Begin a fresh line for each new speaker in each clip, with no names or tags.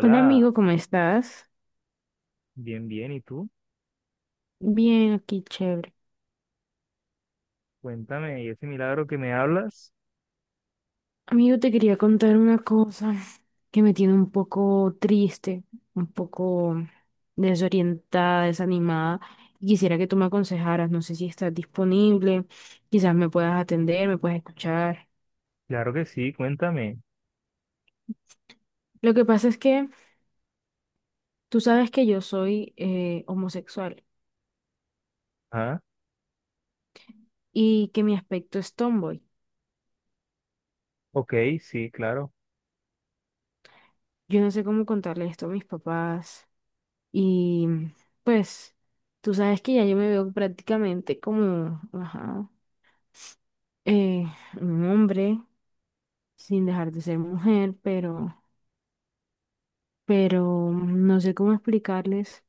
Hola amigo, ¿cómo estás?
bien, bien. ¿Y tú?
Bien, aquí chévere.
Cuéntame, ¿y ese milagro que me hablas?
Amigo, te quería contar una cosa que me tiene un poco triste, un poco desorientada, desanimada. y quisiera que tú me aconsejaras, no sé si estás disponible, quizás me puedas atender, me puedas escuchar.
Claro que sí, cuéntame.
Lo que pasa es que tú sabes que yo soy homosexual
Ah,
y que mi aspecto es tomboy.
ok, sí, claro.
Yo no sé cómo contarle esto a mis papás. Y pues tú sabes que ya yo me veo prácticamente como, ajá, eh, un hombre sin dejar de ser mujer, pero no sé cómo explicarles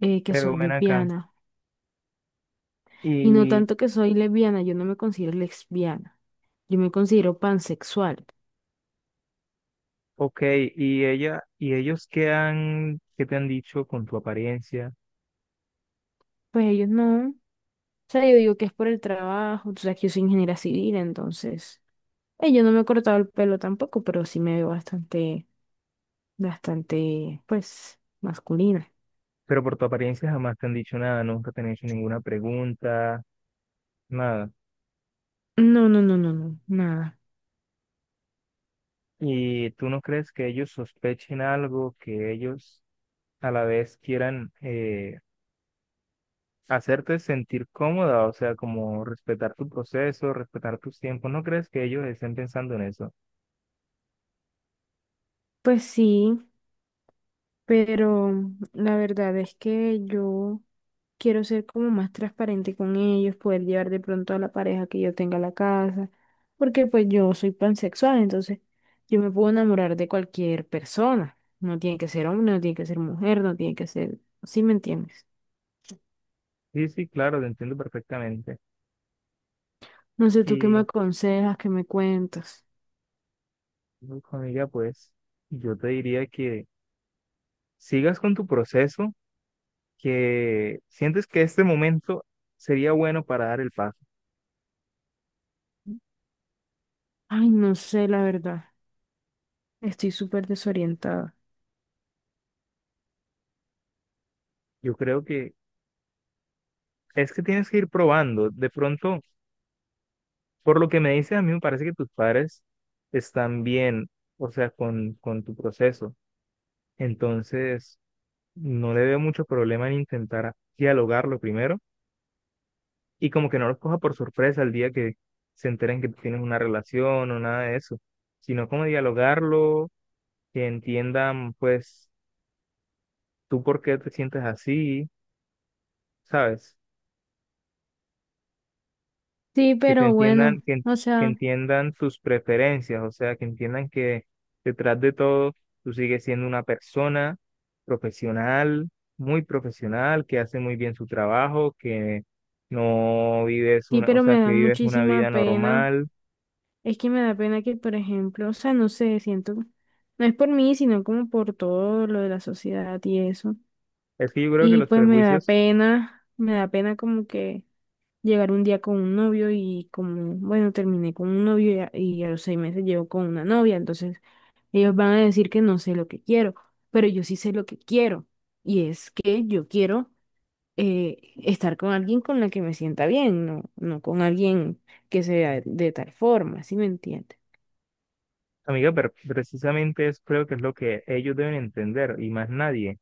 que
Pero
soy
ven acá.
lesbiana. Y no
Y,
tanto que soy lesbiana, yo no me considero lesbiana, yo me considero pansexual.
ok, ¿y ella, y ellos qué han, qué te han dicho con tu apariencia?
Pues ellos no, o sea, yo digo que es por el trabajo, tú sabes que yo soy ingeniera civil, entonces yo no me he cortado el pelo tampoco, pero sí me veo bastante bastante, pues, masculina.
Pero por tu apariencia jamás te han dicho nada, nunca te han hecho ninguna pregunta, nada.
No, no, no, no, no, nada.
¿Y tú no crees que ellos sospechen algo, que ellos a la vez quieran hacerte sentir cómoda, o sea, como respetar tu proceso, respetar tus tiempos? ¿No crees que ellos estén pensando en eso?
Pues sí, pero la verdad es que yo quiero ser como más transparente con ellos, poder llevar de pronto a la pareja que yo tenga a la casa, porque pues yo soy pansexual, entonces yo me puedo enamorar de cualquier persona. No tiene que ser hombre, no tiene que ser mujer, no tiene que ser, ¿sí me entiendes?
Sí, sí, claro, te entiendo perfectamente.
No sé, tú qué me
Y,
aconsejas, qué me cuentas.
uf, amiga, pues yo te diría que sigas con tu proceso, que sientes que este momento sería bueno para dar el paso.
Ay, no sé, la verdad. Estoy súper desorientada.
Yo creo que es que tienes que ir probando. De pronto, por lo que me dices, a mí me parece que tus padres están bien, o sea, con tu proceso. Entonces, no le veo mucho problema en intentar dialogarlo primero y como que no los coja por sorpresa el día que se enteren que tienes una relación o nada de eso, sino como dialogarlo, que entiendan pues tú por qué te sientes así, ¿sabes?
Sí,
Que te
pero
entiendan,
bueno,
que, en-
o
que
sea,
entiendan tus preferencias, o sea, que entiendan que detrás de todo tú sigues siendo una persona profesional, muy profesional, que hace muy bien su trabajo, que no vives
sí,
una, o
pero
sea,
me
que
da
vives una
muchísima
vida
pena.
normal.
Es que me da pena que, por ejemplo, o sea, no sé, siento, no es por mí, sino como por todo lo de la sociedad y eso.
Es que yo creo que
Y
los
pues
prejuicios,
me da pena como que llegar un día con un novio y como, bueno, terminé con un novio y a los 6 meses llevo con una novia, entonces ellos van a decir que no sé lo que quiero, pero yo sí sé lo que quiero. Y es que yo quiero estar con alguien con la que me sienta bien, no, no con alguien que sea de tal forma, ¿sí me entiendes?
amiga, pero precisamente es creo que es lo que ellos deben entender y más nadie.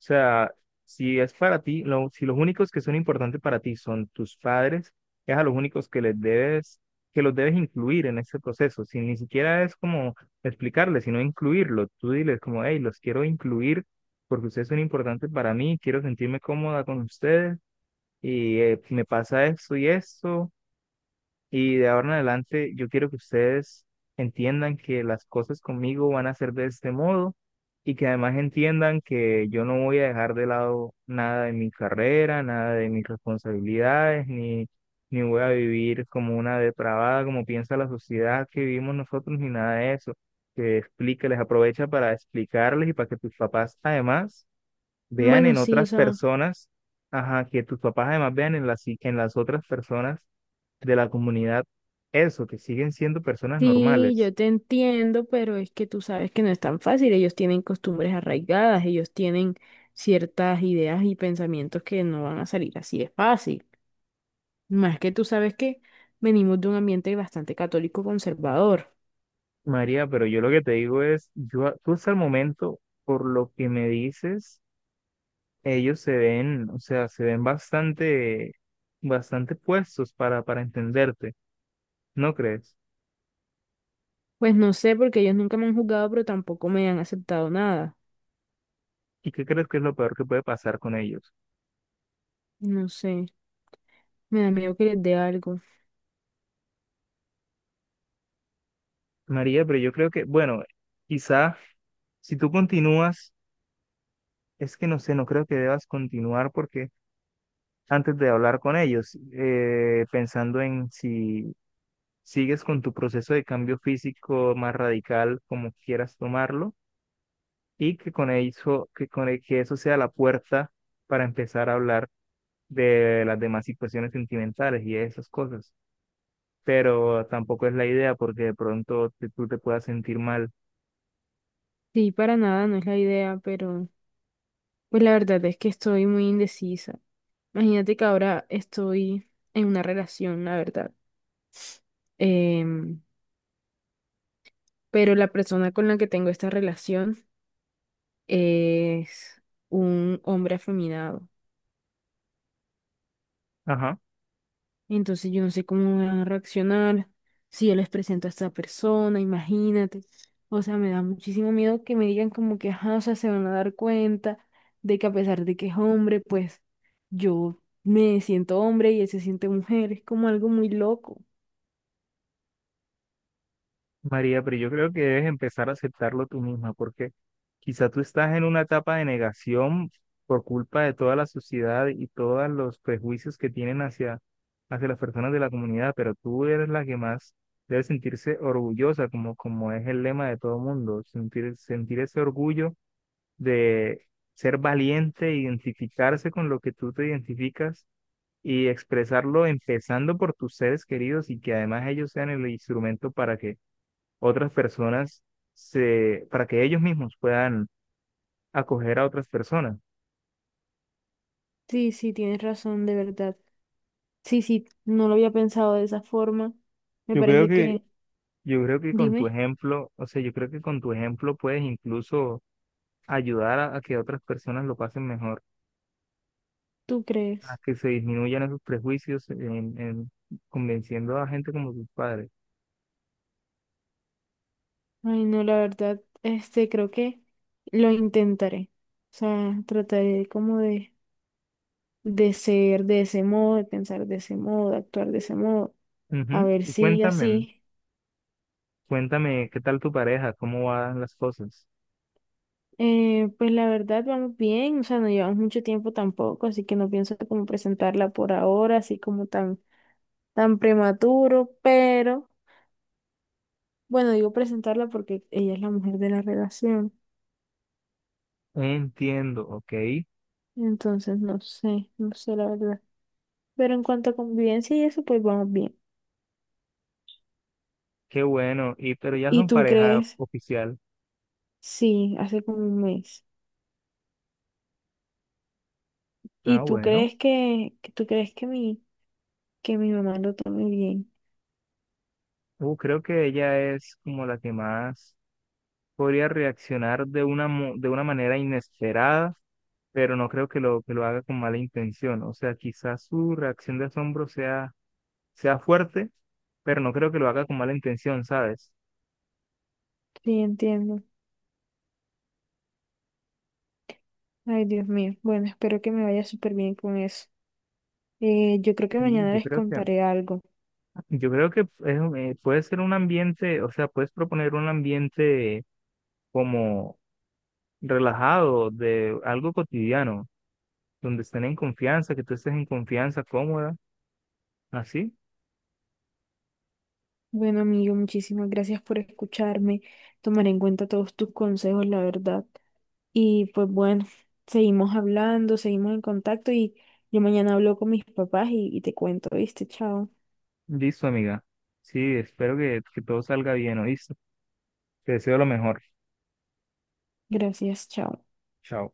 O sea, si es para ti, lo- si los únicos que son importantes para ti son tus padres, es a los únicos que les debes, que los debes incluir en ese proceso. Si ni siquiera es como explicarles, sino incluirlo. Tú diles como, hey, los quiero incluir porque ustedes son importantes para mí, quiero sentirme cómoda con ustedes y me pasa esto y esto. Y de ahora en adelante, yo quiero que ustedes entiendan que las cosas conmigo van a ser de este modo y que además entiendan que yo no voy a dejar de lado nada de mi carrera, nada de mis responsabilidades, ni, ni voy a vivir como una depravada, como piensa la sociedad que vivimos nosotros, ni nada de eso. Que explique, les aprovecha para explicarles y para que tus papás además vean
Bueno,
en
sí, o
otras
sea,
personas, ajá, que tus papás además vean en las otras personas de la comunidad eso, que siguen siendo personas
sí,
normales.
yo te entiendo, pero es que tú sabes que no es tan fácil, ellos tienen costumbres arraigadas, ellos tienen ciertas ideas y pensamientos que no van a salir así de fácil. Más que tú sabes que venimos de un ambiente bastante católico conservador.
María, pero yo lo que te digo es, yo, a- tú hasta el momento, por lo que me dices, ellos se ven, o sea, se ven bastante, bastante puestos para entenderte, ¿no crees?
Pues no sé, porque ellos nunca me han juzgado, pero tampoco me han aceptado nada.
¿Y qué crees que es lo peor que puede pasar con ellos?
No sé, me da miedo que les dé algo.
María, pero yo creo que, bueno, quizá si tú continúas. Es que no sé, no creo que debas continuar porque antes de hablar con ellos, pensando en si sigues con tu proceso de cambio físico más radical, como quieras tomarlo, y que con eso, que con el- que eso sea la puerta para empezar a hablar de las demás situaciones sentimentales y de esas cosas. Pero tampoco es la idea porque de pronto te- tú te puedas sentir mal.
Sí, para nada, no es la idea, pero pues la verdad es que estoy muy indecisa. Imagínate que ahora estoy en una relación, la verdad. Em, pero la persona con la que tengo esta relación es un hombre afeminado.
Ajá.
Entonces yo no sé cómo van a reaccionar si yo les presento a esta persona, imagínate. O sea, me da muchísimo miedo que me digan como que, ajá, o sea, se van a dar cuenta de que a pesar de que es hombre, pues yo me siento hombre y él se siente mujer. Es como algo muy loco.
María, pero yo creo que debes empezar a aceptarlo tú misma, porque quizá tú estás en una etapa de negación por culpa de toda la sociedad y todos los prejuicios que tienen hacia, hacia las personas de la comunidad, pero tú eres la que más debe sentirse orgullosa, como, como es el lema de todo mundo, sentir, sentir ese orgullo de ser valiente, identificarse con lo que tú te identificas y expresarlo empezando por tus seres queridos y que además ellos sean el instrumento para que otras personas se, para que ellos mismos puedan acoger a otras personas.
Sí, sí, tienes razón, de verdad. Sí, sí, no lo había pensado de esa forma. Me
Yo creo
parece
que,
que,
yo creo que con tu
dime,
ejemplo, o sea, yo creo que con tu ejemplo puedes incluso ayudar a que otras personas lo pasen mejor,
¿tú
a
crees?
que se disminuyan esos prejuicios en convenciendo a gente como tus padres.
Ay, no, la verdad, este, creo que lo intentaré. O sea, trataré como de ser de ese modo, de pensar de ese modo, de actuar de ese modo. A
Ujú.
ver
Y
si
cuéntame,
así.
cuéntame qué tal tu pareja, cómo van las cosas.
Pues la verdad, vamos bien. O sea, no llevamos mucho tiempo tampoco, así que no pienso como presentarla por ahora, así como tan, tan prematuro. Pero, bueno, digo presentarla porque ella es la mujer de la relación.
Entiendo, ok,
Entonces, no sé, no sé la verdad. Pero en cuanto a convivencia y eso, pues vamos bien.
qué bueno, y pero ya
¿Y
son
tú
pareja
crees?
oficial.
Sí, hace como un mes. ¿Y
Ah,
tú
bueno.
crees que tú crees que mi mamá lo tome bien?
Creo que ella es como la que más podría reaccionar de una, mo- de una manera inesperada, pero no creo que lo haga con mala intención. O sea, quizás su reacción de asombro sea, sea fuerte, pero no creo que lo haga con mala intención, ¿sabes?
Sí, entiendo. Ay, Dios mío. Bueno, espero que me vaya súper bien con eso. Yo creo que
Y
mañana les contaré algo.
yo creo que es un- puede ser un ambiente, o sea, puedes proponer un ambiente como relajado, de algo cotidiano, donde estén en confianza, que tú estés en confianza, cómoda, así.
Bueno, amigo, muchísimas gracias por escucharme. Tomaré en cuenta todos tus consejos, la verdad. Y pues bueno, seguimos hablando, seguimos en contacto y yo mañana hablo con mis papás y te cuento, ¿viste? Chao.
Listo, amiga. Sí, espero que todo salga bien, ¿oíste? Te deseo lo mejor.
Gracias, chao.
Chao.